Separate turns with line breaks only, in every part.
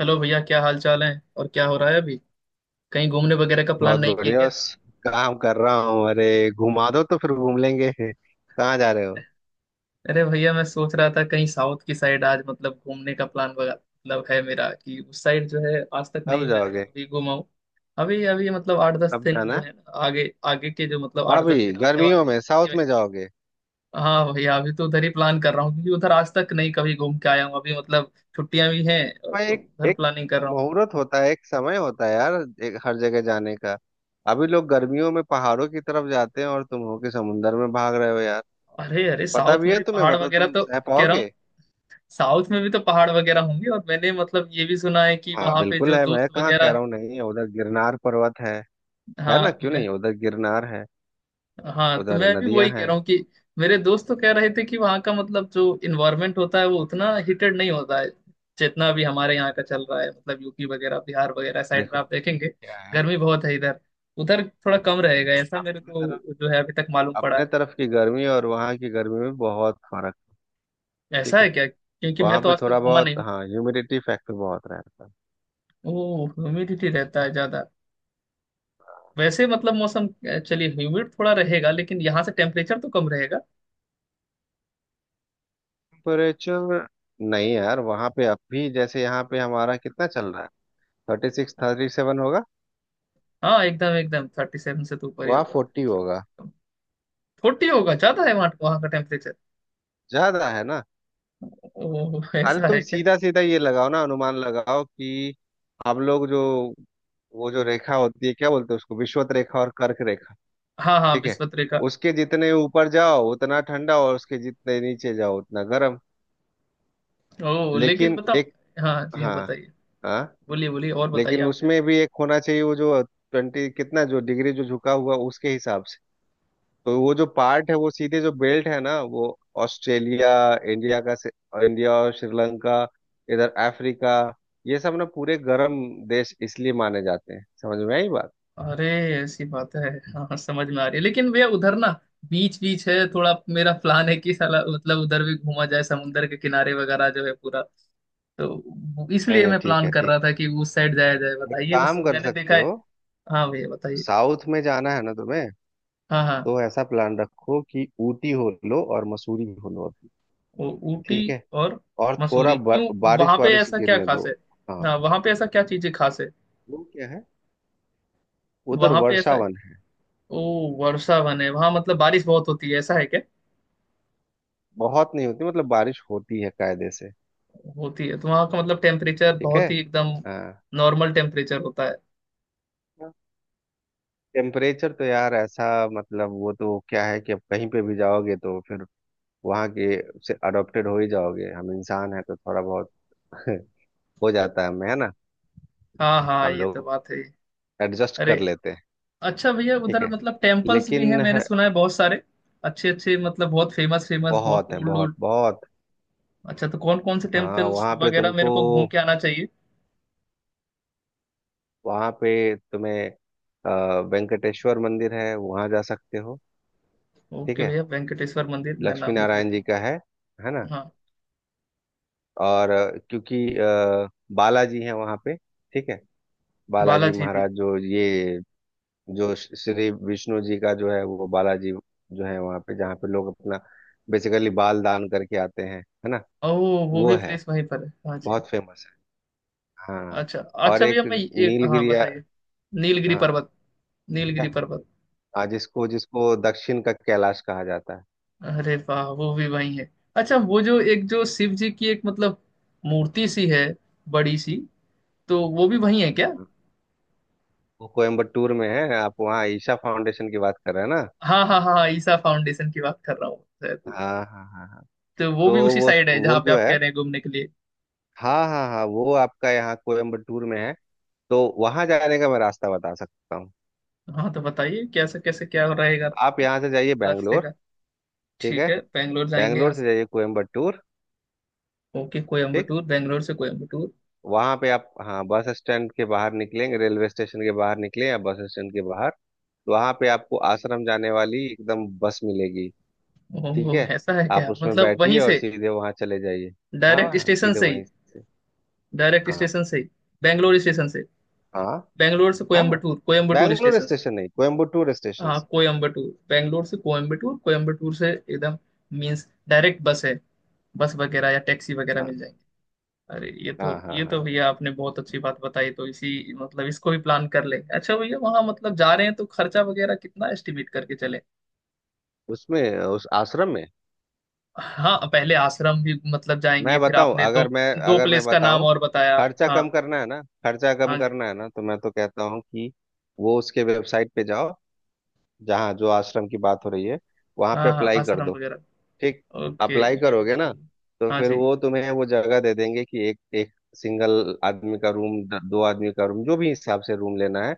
Hello भैया, क्या हाल चाल है? और क्या हो रहा है अभी? कहीं घूमने वगैरह का प्लान
बहुत
नहीं किए
बढ़िया।
क्या?
बस काम कर रहा हूँ। अरे घुमा दो तो फिर घूम लेंगे। कहाँ जा रहे हो?
अरे भैया, मैं सोच रहा था कहीं साउथ की साइड आज मतलब घूमने का प्लान वगैरह मतलब है मेरा कि उस साइड जो है आज तक
कब
नहीं मैं
जाओगे?
कभी घूमा हूँ। अभी अभी मतलब आठ दस
कब
दिन
जाना
जो
है?
है ना आगे आगे के जो मतलब आठ दस
अभी
दिन आने वाले
गर्मियों
हैं
में साउथ में जाओगे?
हाँ भैया, अभी तो उधर ही प्लान कर रहा हूँ क्योंकि उधर आज तक नहीं कभी घूम के आया हूँ। अभी मतलब छुट्टियां भी हैं
हाँ,
तो
एक
उधर
एक
प्लानिंग कर रहा हूँ।
मुहूर्त होता है, एक समय होता है यार, एक हर जगह जाने का। अभी लोग गर्मियों में पहाड़ों की तरफ जाते हैं और तुम हो कि समुंदर में भाग रहे हो यार।
अरे अरे,
पता
साउथ
भी
में
है
भी
तुम्हें?
पहाड़
मतलब
वगैरह
तुम
तो
सह
कह रहा हूँ।
पाओगे?
साउथ में भी तो पहाड़ वगैरह होंगे, और मैंने मतलब ये भी सुना है कि
हाँ
वहां पे
बिल्कुल
जो
है,
दोस्त
मैं कहाँ कह
वगैरह है।
रहा हूँ नहीं है, उधर गिरनार पर्वत है। है ना,
हाँ
क्यों नहीं, उधर गिरनार है।
हाँ तो
उधर
मैं भी
नदियां
वही कह
हैं।
रहा हूँ कि मेरे दोस्त तो कह रहे थे कि वहाँ का मतलब जो इन्वायरमेंट होता है वो उतना हीटेड नहीं होता है जितना भी हमारे यहाँ का चल रहा है। मतलब यूपी वगैरह बिहार वगैरह साइड में
देखो
आप देखेंगे
क्या है,
गर्मी बहुत है इधर। उधर थोड़ा कम रहेगा, ऐसा मेरे
अपनी
को
तरफ,
जो है अभी तक मालूम पड़ा
अपने
है।
तरफ की गर्मी और वहाँ की गर्मी में बहुत फर्क।
ऐसा
ठीक
है
है,
क्या? क्योंकि मैं
वहाँ
तो
पे
आज तक
थोड़ा
घूमा
बहुत
नहीं हूँ।
हाँ ह्यूमिडिटी फैक्टर बहुत रहता है।
ओ, ह्यूमिडिटी रहता है ज्यादा। वैसे मतलब मौसम चलिए, ह्यूमिड थोड़ा रहेगा लेकिन यहाँ से टेम्परेचर तो कम रहेगा।
टेम्परेचर, नहीं यार वहाँ पे, अभी जैसे यहाँ पे हमारा कितना चल रहा है, 36, 37 होगा।
हाँ एकदम एकदम, 37 से तो ऊपर ही
वहाँ
होगा
40 होगा,
37। 40 होगा, ज्यादा है वहाँ, वहाँ का टेम्परेचर।
ज्यादा है ना।
ओह,
अरे
ऐसा
तुम
है क्या?
सीधा सीधा ये लगाओ ना, अनुमान लगाओ कि हम लोग जो, वो जो रेखा होती है क्या बोलते हैं उसको, विषुवत रेखा और कर्क रेखा।
हाँ हाँ,
ठीक है,
विश्वत रेखा।
उसके जितने ऊपर जाओ उतना ठंडा और उसके जितने नीचे जाओ उतना गर्म।
ओह, लेकिन
लेकिन
बताओ।
एक
हाँ जी, हाँ
हाँ
बताइए।
हाँ
बोलिए बोलिए, और बताइए
लेकिन
आप क्या।
उसमें भी एक होना चाहिए, वो जो 20 कितना जो डिग्री जो झुका हुआ, उसके हिसाब से। तो वो जो पार्ट है वो सीधे जो बेल्ट है ना वो, ऑस्ट्रेलिया, इंडिया का से- इंडिया और श्रीलंका, इधर अफ्रीका, ये सब ना पूरे गर्म देश इसलिए माने जाते हैं। समझ में आई बात?
अरे, ऐसी बात है, हाँ हाँ, समझ में आ रही है, लेकिन भैया उधर ना बीच बीच है। थोड़ा मेरा प्लान है कि साला मतलब उधर भी घूमा जाए, समुंदर के किनारे वगैरह जो है पूरा। तो
नहीं
इसलिए
नहीं
मैं
ठीक
प्लान
है,
कर
ठीक
रहा था कि उस साइड जाया जाए,
है, एक
बताइए उस
काम कर
मैंने
सकते
देखा है।
हो।
हाँ भैया बताइए।
साउथ में जाना है ना तुम्हें,
हाँ हाँ।
तो ऐसा प्लान रखो कि ऊटी हो लो और मसूरी हो लो अभी।
वो ऊटी
ठीक है,
और
और थोड़ा
मसूरी क्यों? वहां
बारिश
पे
वारिश
ऐसा क्या
गिरने
खास
दो।
है?
हाँ,
हाँ, वहां पे ऐसा क्या चीजें खास है?
वो क्या है, उधर
वहां पे ऐसा,
वर्षावन है।
ओ, वर्षा वन है वहां मतलब बारिश बहुत होती है, ऐसा है क्या?
बहुत नहीं होती, मतलब बारिश होती है कायदे से।
होती है तो वहां का मतलब टेम्परेचर
ठीक है,
बहुत ही एकदम
हाँ,
नॉर्मल टेम्परेचर होता है।
टेम्परेचर तो यार ऐसा, मतलब वो तो क्या है कि अब कहीं पे भी जाओगे तो फिर वहाँ के से अडॉप्टेड हो ही जाओगे। हम इंसान हैं तो थोड़ा बहुत हो जाता है हमें, है ना।
हाँ हाँ,
हम
ये तो
लोग
बात है।
एडजस्ट
अरे,
कर लेते हैं।
अच्छा भैया,
ठीक
उधर
है
मतलब टेम्पल्स भी हैं,
लेकिन
मैंने
है,
सुना है, बहुत सारे अच्छे अच्छे, मतलब बहुत फेमस फेमस, बहुत
बहुत है, बहुत
ओल्ड।
बहुत।
अच्छा, तो कौन कौन से
हाँ
टेम्पल्स
वहाँ पे
वगैरह
तुमको,
मेरे को घूम के आना चाहिए?
वहाँ पे तुम्हें अ, वेंकटेश्वर मंदिर है, वहाँ जा सकते हो। ठीक
ओके
है,
भैया, वेंकटेश्वर मंदिर, मैं
लक्ष्मी
नाम लिख
नारायण
लेता
जी
हूँ।
का है ना।
हाँ,
और बालाजी है वहाँ पे। ठीक है, बालाजी
बालाजी भी।
महाराज जो ये, जो श्री विष्णु जी का जो है वो बालाजी, जो है वहाँ पे, जहाँ पे लोग अपना बेसिकली बाल दान करके आते हैं, है ना।
ओ, वो
वो
भी
है,
प्लेस वहीं पर है, हाँ जी।
बहुत फेमस है। हाँ,
अच्छा
और
अच्छा
एक
भैया, मैं ये, हाँ
नीलगिरी, हाँ,
बताइए। नीलगिरी पर्वत।
क्या,
नीलगिरी पर्वत।
हाँ, जिसको जिसको दक्षिण का कैलाश कहा जाता है।
अरे वाह, वो भी वहीं है? अच्छा, वो जो एक जो शिव जी की एक मतलब मूर्ति सी है, बड़ी सी, तो वो भी वहीं है क्या?
हाँ। वो कोयम्बटूर में है, आप वहाँ ईशा फाउंडेशन की बात कर रहे हैं ना।
हाँ हाँ हाँ हाँ, ईसा फाउंडेशन की बात कर रहा हूँ शायद।
हाँ हाँ हाँ हाँ,
तो वो
तो
भी उसी
वो
साइड है
वो
जहाँ पे
जो
आप
है,
कह रहे हैं घूमने के लिए?
हाँ हाँ हाँ, वो आपका यहाँ कोयम्बटूर में है। तो वहाँ जाने का मैं रास्ता बता सकता हूँ।
हाँ तो बताइए कैसे कैसे, क्या रहेगा
आप यहाँ से जाइए
रास्ते
बैंगलोर।
का?
ठीक
ठीक
है,
है, बेंगलोर जाएंगे यहाँ
बैंगलोर से
से।
जाइए कोयम्बटूर।
ओके
ठीक,
कोयम्बटूर, बेंगलोर से कोयम्बटूर।
वहाँ पे आप, हाँ, बस स्टैंड के बाहर निकलेंगे, रेलवे स्टेशन के बाहर निकले या बस स्टैंड के बाहर, तो वहाँ पे आपको आश्रम जाने वाली एकदम बस मिलेगी। ठीक
ओह,
है,
ऐसा है
आप
क्या?
उसमें
मतलब वहीं
बैठिए और
से?
सीधे वहाँ चले जाइए। हाँ
डायरेक्ट
हाँ,
स्टेशन
सीधे
से ही?
वहीं से।
डायरेक्ट
हाँ
स्टेशन से ही? बेंगलोर स्टेशन से?
हाँ
बेंगलोर से
हाँ,
कोयम्बटूर, कोयम्बटूर
बैंगलोर
स्टेशन से?
स्टेशन नहीं, कोयम्बटूर स्टेशन।
हाँ कोयम्बटूर, बेंगलोर से कोयम्बटूर, कोयम्बटूर से एकदम मीन्स डायरेक्ट बस है? बस वगैरह या टैक्सी वगैरह
हाँ
मिल जाएगी? अरे,
हाँ हाँ
ये तो
हाँ,
भैया, आपने बहुत अच्छी बात बताई, तो इसी मतलब इसको भी प्लान कर ले। अच्छा भैया, वहां मतलब जा रहे हैं तो खर्चा वगैरह कितना एस्टिमेट करके चले?
उसमें उस आश्रम में।
हाँ, पहले आश्रम भी मतलब जाएंगे,
मैं
फिर
बताऊं
आपने दो,
अगर मैं
दो
अगर मैं
प्लेस का नाम
बताऊं,
और बताया। हाँ
खर्चा
हाँ
कम
जी।
करना है ना, तो मैं तो कहता हूं कि वो उसके वेबसाइट पे जाओ, जहाँ जो आश्रम की बात हो रही है, वहां पे
हाँ हाँ,
अप्लाई कर
आश्रम
दो।
वगैरह।
ठीक,
ओके,
अप्लाई
ये भी
करोगे ना,
सही है।
तो
हाँ
फिर
जी।
वो तुम्हें वो जगह दे देंगे कि एक एक सिंगल आदमी का रूम, दो आदमी का रूम, जो भी हिसाब से रूम लेना है,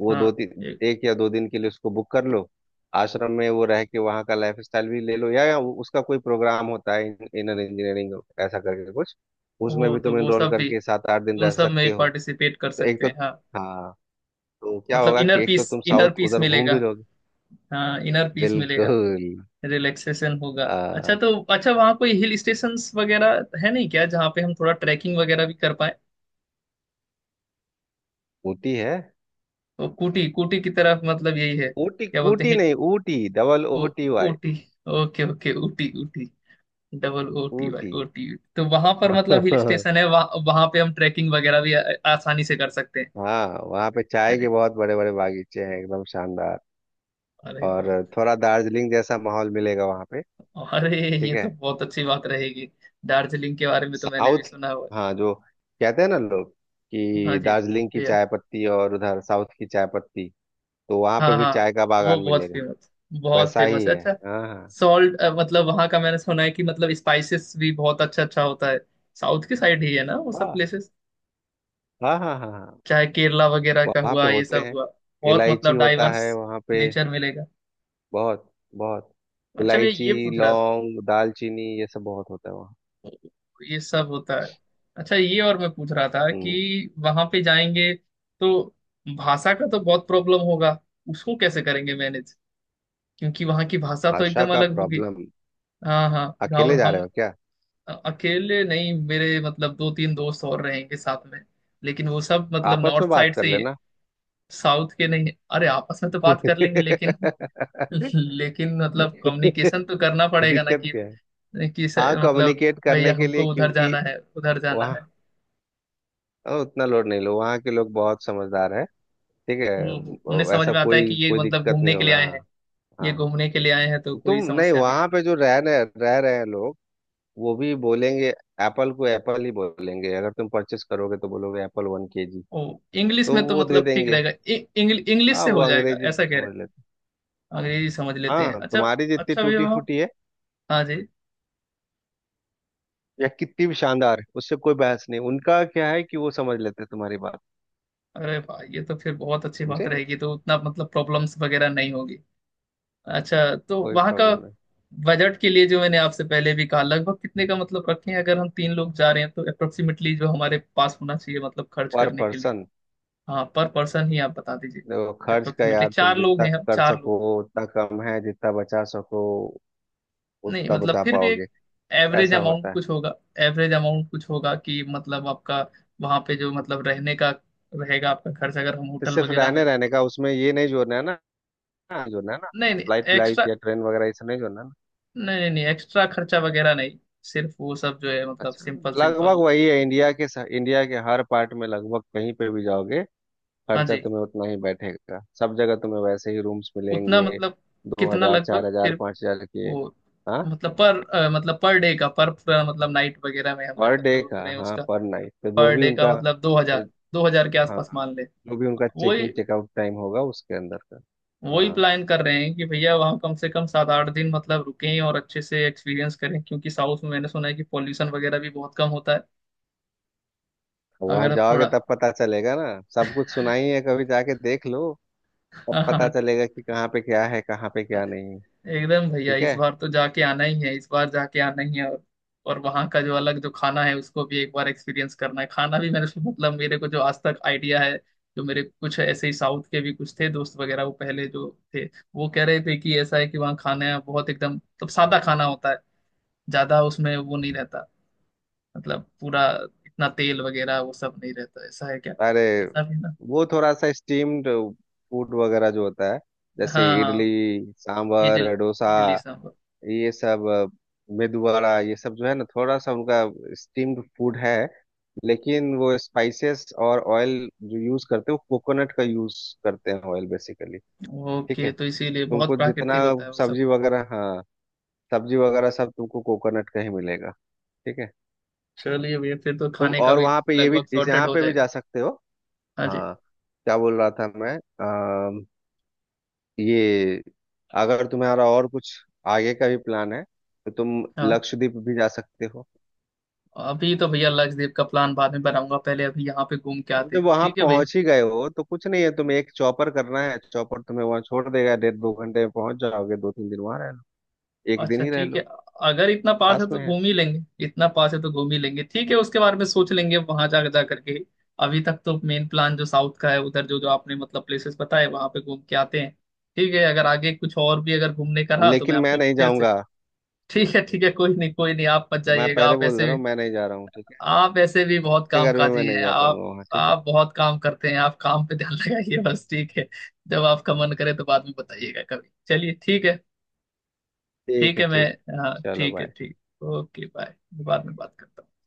वो
हाँ,
दो तीन
एक।
एक या दो दिन के लिए उसको बुक कर लो। आश्रम में वो रह के वहाँ का लाइफ स्टाइल भी ले लो, या उसका कोई प्रोग्राम होता है, इनर इंजीनियरिंग, ऐसा करके कुछ, उसमें
ओ,
भी
तो
तुम
वो
एनरोल
सब भी,
करके 7, 8 दिन
उन
रह
सब
सकते
में
हो।
पार्टिसिपेट कर
तो एक
सकते
तो
हैं, हाँ।
हाँ तो क्या
मतलब
होगा
इनर
कि एक
पीस,
तो तुम
इनर
साउथ
पीस
उधर घूम
मिलेगा।
भी लोगे।
हाँ, इनर पीस मिलेगा।
बिल्कुल,
रिलैक्सेशन होगा। अच्छा
आ,
तो, अच्छा वहाँ कोई हिल स्टेशंस वगैरह है नहीं क्या, जहाँ पे हम थोड़ा ट्रैकिंग वगैरह भी कर पाए?
ऊटी है।
वो कूटी कूटी की तरफ मतलब, यही है,
ऊटी
क्या बोलते
ऊटी
हैं?
नहीं Ooty double O
O,
T Y,
Ooty. Okay okay, Ooty Ooty, double O T, भाई
ऊटी।
ओटी। तो वहां पर मतलब हिल स्टेशन है वहाँ, वहां पे हम ट्रैकिंग वगैरह भी आसानी से कर सकते हैं?
हाँ वहाँ पे चाय के
अरे,
बहुत बड़े बड़े बागीचे हैं, एकदम शानदार।
अरे
और
वाह।
थोड़ा दार्जिलिंग जैसा माहौल मिलेगा वहाँ पे।
अरे,
ठीक
ये
है,
तो बहुत अच्छी बात रहेगी। दार्जिलिंग के बारे में तो मैंने भी
साउथ,
सुना हुआ
हाँ जो, कहते हैं ना लोग
है। हाँ
कि
जी।
दार्जिलिंग की चाय पत्ती और उधर साउथ की चाय पत्ती, तो वहाँ पे
हाँ
भी
हाँ,
चाय का
वो
बागान
बहुत
मिलेगा,
फेमस, बहुत
वैसा
फेमस
ही
है,
है।
अच्छा।
हाँ
सॉल्ट मतलब, वहाँ का मैंने सुना है कि मतलब स्पाइसेस भी बहुत अच्छा अच्छा होता है। साउथ की साइड ही है ना वो सब
हाँ
प्लेसेस,
हाँ हाँ हाँ हाँ हाँ।
चाहे केरला वगैरह का
वहाँ पे
हुआ, ये
होते
सब
हैं,
हुआ। बहुत
इलायची
मतलब
होता
डाइवर्स
है वहाँ पे,
नेचर मिलेगा।
बहुत बहुत,
अच्छा भैया,
इलायची
ये पूछ रहा था,
लौंग दालचीनी ये सब बहुत होता है वहाँ।
ये सब होता है। अच्छा, ये और मैं पूछ रहा था
हम्म
कि वहाँ पे जाएंगे तो भाषा का तो बहुत प्रॉब्लम होगा, उसको कैसे करेंगे मैनेज? क्योंकि वहाँ की भाषा तो
आशा
एकदम
का
अलग होगी।
प्रॉब्लम,
हाँ हाँ। और
अकेले जा रहे
हम
हो क्या?
अकेले नहीं, मेरे मतलब दो तीन दोस्त और रहेंगे साथ में, लेकिन वो सब मतलब
आपस में
नॉर्थ
बात
साइड
कर
से ही है,
लेना।
साउथ के नहीं है। अरे, आपस में तो बात कर लेंगे लेकिन लेकिन मतलब कम्युनिकेशन तो करना पड़ेगा ना
दिक्कत
कि
क्या है?
कि स,
हाँ
मतलब
कम्युनिकेट
भैया,
करने के लिए,
हमको उधर
क्योंकि
जाना है, उधर जाना
वहाँ
है।
उतना लोड नहीं लो, वहाँ के लोग बहुत समझदार है। ठीक
उन्हें
है,
समझ
ऐसा
में आता है कि
कोई
ये
कोई
मतलब
दिक्कत
घूमने
नहीं
के लिए
होगा,
आए
हाँ।
हैं, ये
हाँ
घूमने के लिए आए हैं, तो
तुम
कोई
नहीं,
समस्या नहीं।
वहाँ पे जो रह रहे हैं लोग, वो भी बोलेंगे एप्पल को एप्पल ही बोलेंगे। अगर तुम परचेस करोगे तो बोलोगे एप्पल 1 KG,
ओ, इंग्लिश
तो
में तो
वो दे
मतलब ठीक
देंगे।
रहेगा, इंग्लिश, इंग्लिश
हाँ,
से
वो
हो जाएगा,
अंग्रेजी
ऐसा कह रहे हैं।
समझ लेते हैं। हाँ
अंग्रेजी समझ लेते हैं,
हाँ,
अच्छा।
तुम्हारी जितनी
अच्छा भैया।
टूटी फूटी है
हाँ जी।
या कितनी भी शानदार है, उससे कोई बहस नहीं, उनका क्या है कि वो समझ लेते हैं तुम्हारी बात।
अरे भाई, ये तो फिर बहुत अच्छी बात
समझे,
रहेगी, तो उतना मतलब प्रॉब्लम्स वगैरह नहीं होगी। अच्छा तो
कोई
वहाँ का
प्रॉब्लम नहीं।
बजट के लिए, जो मैंने आपसे पहले भी कहा, लगभग कितने का मतलब रखें? अगर हम तीन लोग जा रहे हैं तो अप्रोक्सीमेटली जो हमारे पास होना चाहिए मतलब खर्च
पर
करने के लिए?
पर्सन,
हाँ, पर पर्सन ही आप बता दीजिए।
देखो खर्च का
अप्रोक्सीमेटली
यार तुम
चार लोग
जितना
हैं, हम
कर
चार लोग।
सको उतना कम है, जितना बचा सको
नहीं
उतना
मतलब
बचा
फिर भी
पाओगे,
एक एवरेज
ऐसा
अमाउंट
होता है।
कुछ होगा। एवरेज अमाउंट कुछ होगा कि मतलब आपका वहाँ पे जो मतलब रहने का रहेगा आपका खर्च, अगर हम
तो
होटल
सिर्फ
वगैरह
रहने
में।
रहने का, उसमें ये नहीं जोड़ना है ना, ना जो ना ना
नहीं नहीं
फ्लाइट लाइट या ट्रेन वगैरह, ऐसा नहीं जो ना ना।
नहीं, नहीं नहीं, एक्स्ट्रा खर्चा वगैरह नहीं, सिर्फ वो सब जो है मतलब,
अच्छा,
सिंपल
लगभग
सिंपल।
वही है, इंडिया के हर पार्ट में, लगभग कहीं पे भी जाओगे
हाँ
खर्चा
जी।
तुम्हें उतना ही बैठेगा, सब जगह तुम्हें वैसे ही रूम्स
उतना
मिलेंगे,
मतलब
दो
कितना
हजार चार
लगभग
हजार
फिर?
पाँच हजार के।
वो
हाँ,
मतलब पर मतलब पर डे का, पर पूरा मतलब नाइट वगैरह में हम जब
पर डे
मतलब रुक
का,
रहे हैं
हाँ
उसका?
पर नाइट तो जो
पर
भी
डे
उनका
का मतलब दो
अ,
हजार 2000 के
हाँ
आसपास मान ले?
जो भी उनका
वही
चेकिंग चेकआउट टाइम होगा, उसके अंदर का।
वही
हाँ,
प्लान कर रहे हैं कि भैया वहाँ कम से कम 7 8 दिन मतलब रुकें और अच्छे से एक्सपीरियंस करें, क्योंकि साउथ में मैंने सुना है कि पॉल्यूशन वगैरह भी बहुत कम होता है।
वहां
अगर
जाओगे
थोड़ा
तब पता चलेगा ना, सब कुछ सुना ही है, कभी जाके देख लो, तब पता
हाँ,
चलेगा कि कहाँ पे क्या है, कहाँ पे
हाँ
क्या नहीं है।
एकदम भैया,
ठीक
इस
है,
बार तो जाके आना ही है, इस बार जाके आना ही है। और वहाँ का जो अलग जो खाना है उसको भी एक बार एक्सपीरियंस करना है। खाना भी मैंने मतलब मेरे को जो आज तक आइडिया है, जो मेरे कुछ ऐसे ही साउथ के भी कुछ थे दोस्त वगैरह, वो पहले जो थे, वो कह रहे थे कि ऐसा है कि वहाँ खाना बहुत एकदम मतलब सादा खाना होता है, ज्यादा उसमें वो नहीं रहता, मतलब पूरा इतना तेल वगैरह वो सब नहीं रहता, ऐसा है क्या?
अरे
ऐसा भी ना।
वो थोड़ा सा स्टीम्ड फूड वगैरह जो होता है, जैसे
हाँ
इडली
हाँ। इडली।
सांभर डोसा
इडली सांभर।
ये सब, मेदू वड़ा, ये सब जो है ना, थोड़ा सा उनका स्टीम्ड फूड है, लेकिन वो स्पाइसेस और ऑयल जो यूज करते हैं, वो कोकोनट का यूज करते हैं, ऑयल बेसिकली। ठीक
ओके,
है,
तो इसीलिए बहुत
तुमको जितना
प्राकृतिक होता है वो सब?
सब्जी वगैरह, हाँ सब्जी वगैरह सब तुमको कोकोनट का ही मिलेगा। ठीक है,
चलिए भैया, फिर तो
तुम
खाने का
और
भी
वहाँ पे ये भी,
लगभग
इस
सॉर्टेड
यहाँ
हो
पे भी जा
जाएगा।
सकते हो।
हाँ जी।
हाँ, क्या बोल रहा था मैं, ये, अगर तुम्हारा और कुछ आगे का भी प्लान है तो तुम
हाँ।
लक्षद्वीप भी जा सकते हो।
अभी तो भैया लक्षद्वीप का प्लान बाद में बनाऊंगा, पहले अभी यहाँ पे घूम के
तुम
आते
जब
हैं,
वहां
ठीक है भैया।
पहुंच ही गए हो तो कुछ नहीं है, तुम्हें एक चौपर करना है, चौपर तुम्हें वहां छोड़ देगा, 1.5, 2 घंटे में पहुंच जाओगे, 2, 3 दिन वहां रह लो, एक दिन
अच्छा
ही रह
ठीक है,
लो।
अगर इतना पास है
पास में
तो
है।
घूम ही लेंगे, इतना पास है तो घूम ही लेंगे, ठीक है, उसके बारे में सोच लेंगे वहां जा जा करके। अभी तक तो मेन प्लान जो साउथ का है उधर, जो जो आपने मतलब प्लेसेस बताए वहां पे घूम के आते हैं। ठीक है, अगर आगे कुछ और भी अगर घूमने का रहा तो मैं
लेकिन मैं
आपको
नहीं
फिर से।
जाऊंगा,
ठीक है ठीक है, कोई नहीं कोई नहीं, आप मत
मैं
जाइएगा,
पहले
आप
बोल दे
ऐसे,
रहा हूँ, मैं नहीं जा रहा हूँ, ठीक है।
आप ऐसे भी बहुत
इतने गर्मी में मैं
कामकाजी
नहीं
हैं
जा
आप
पाऊंगा वहां, ठीक है।
आप बहुत काम करते हैं, आप काम पे ध्यान लगाइए बस, ठीक है। जब आपका मन करे तो बाद में बताइएगा कभी, चलिए ठीक है।
ठीक
ठीक
है,
है मैं,
ठीक।
हाँ
चलो
ठीक है,
बाय।
ठीक। Okay bye. बाद में बात करता हूँ।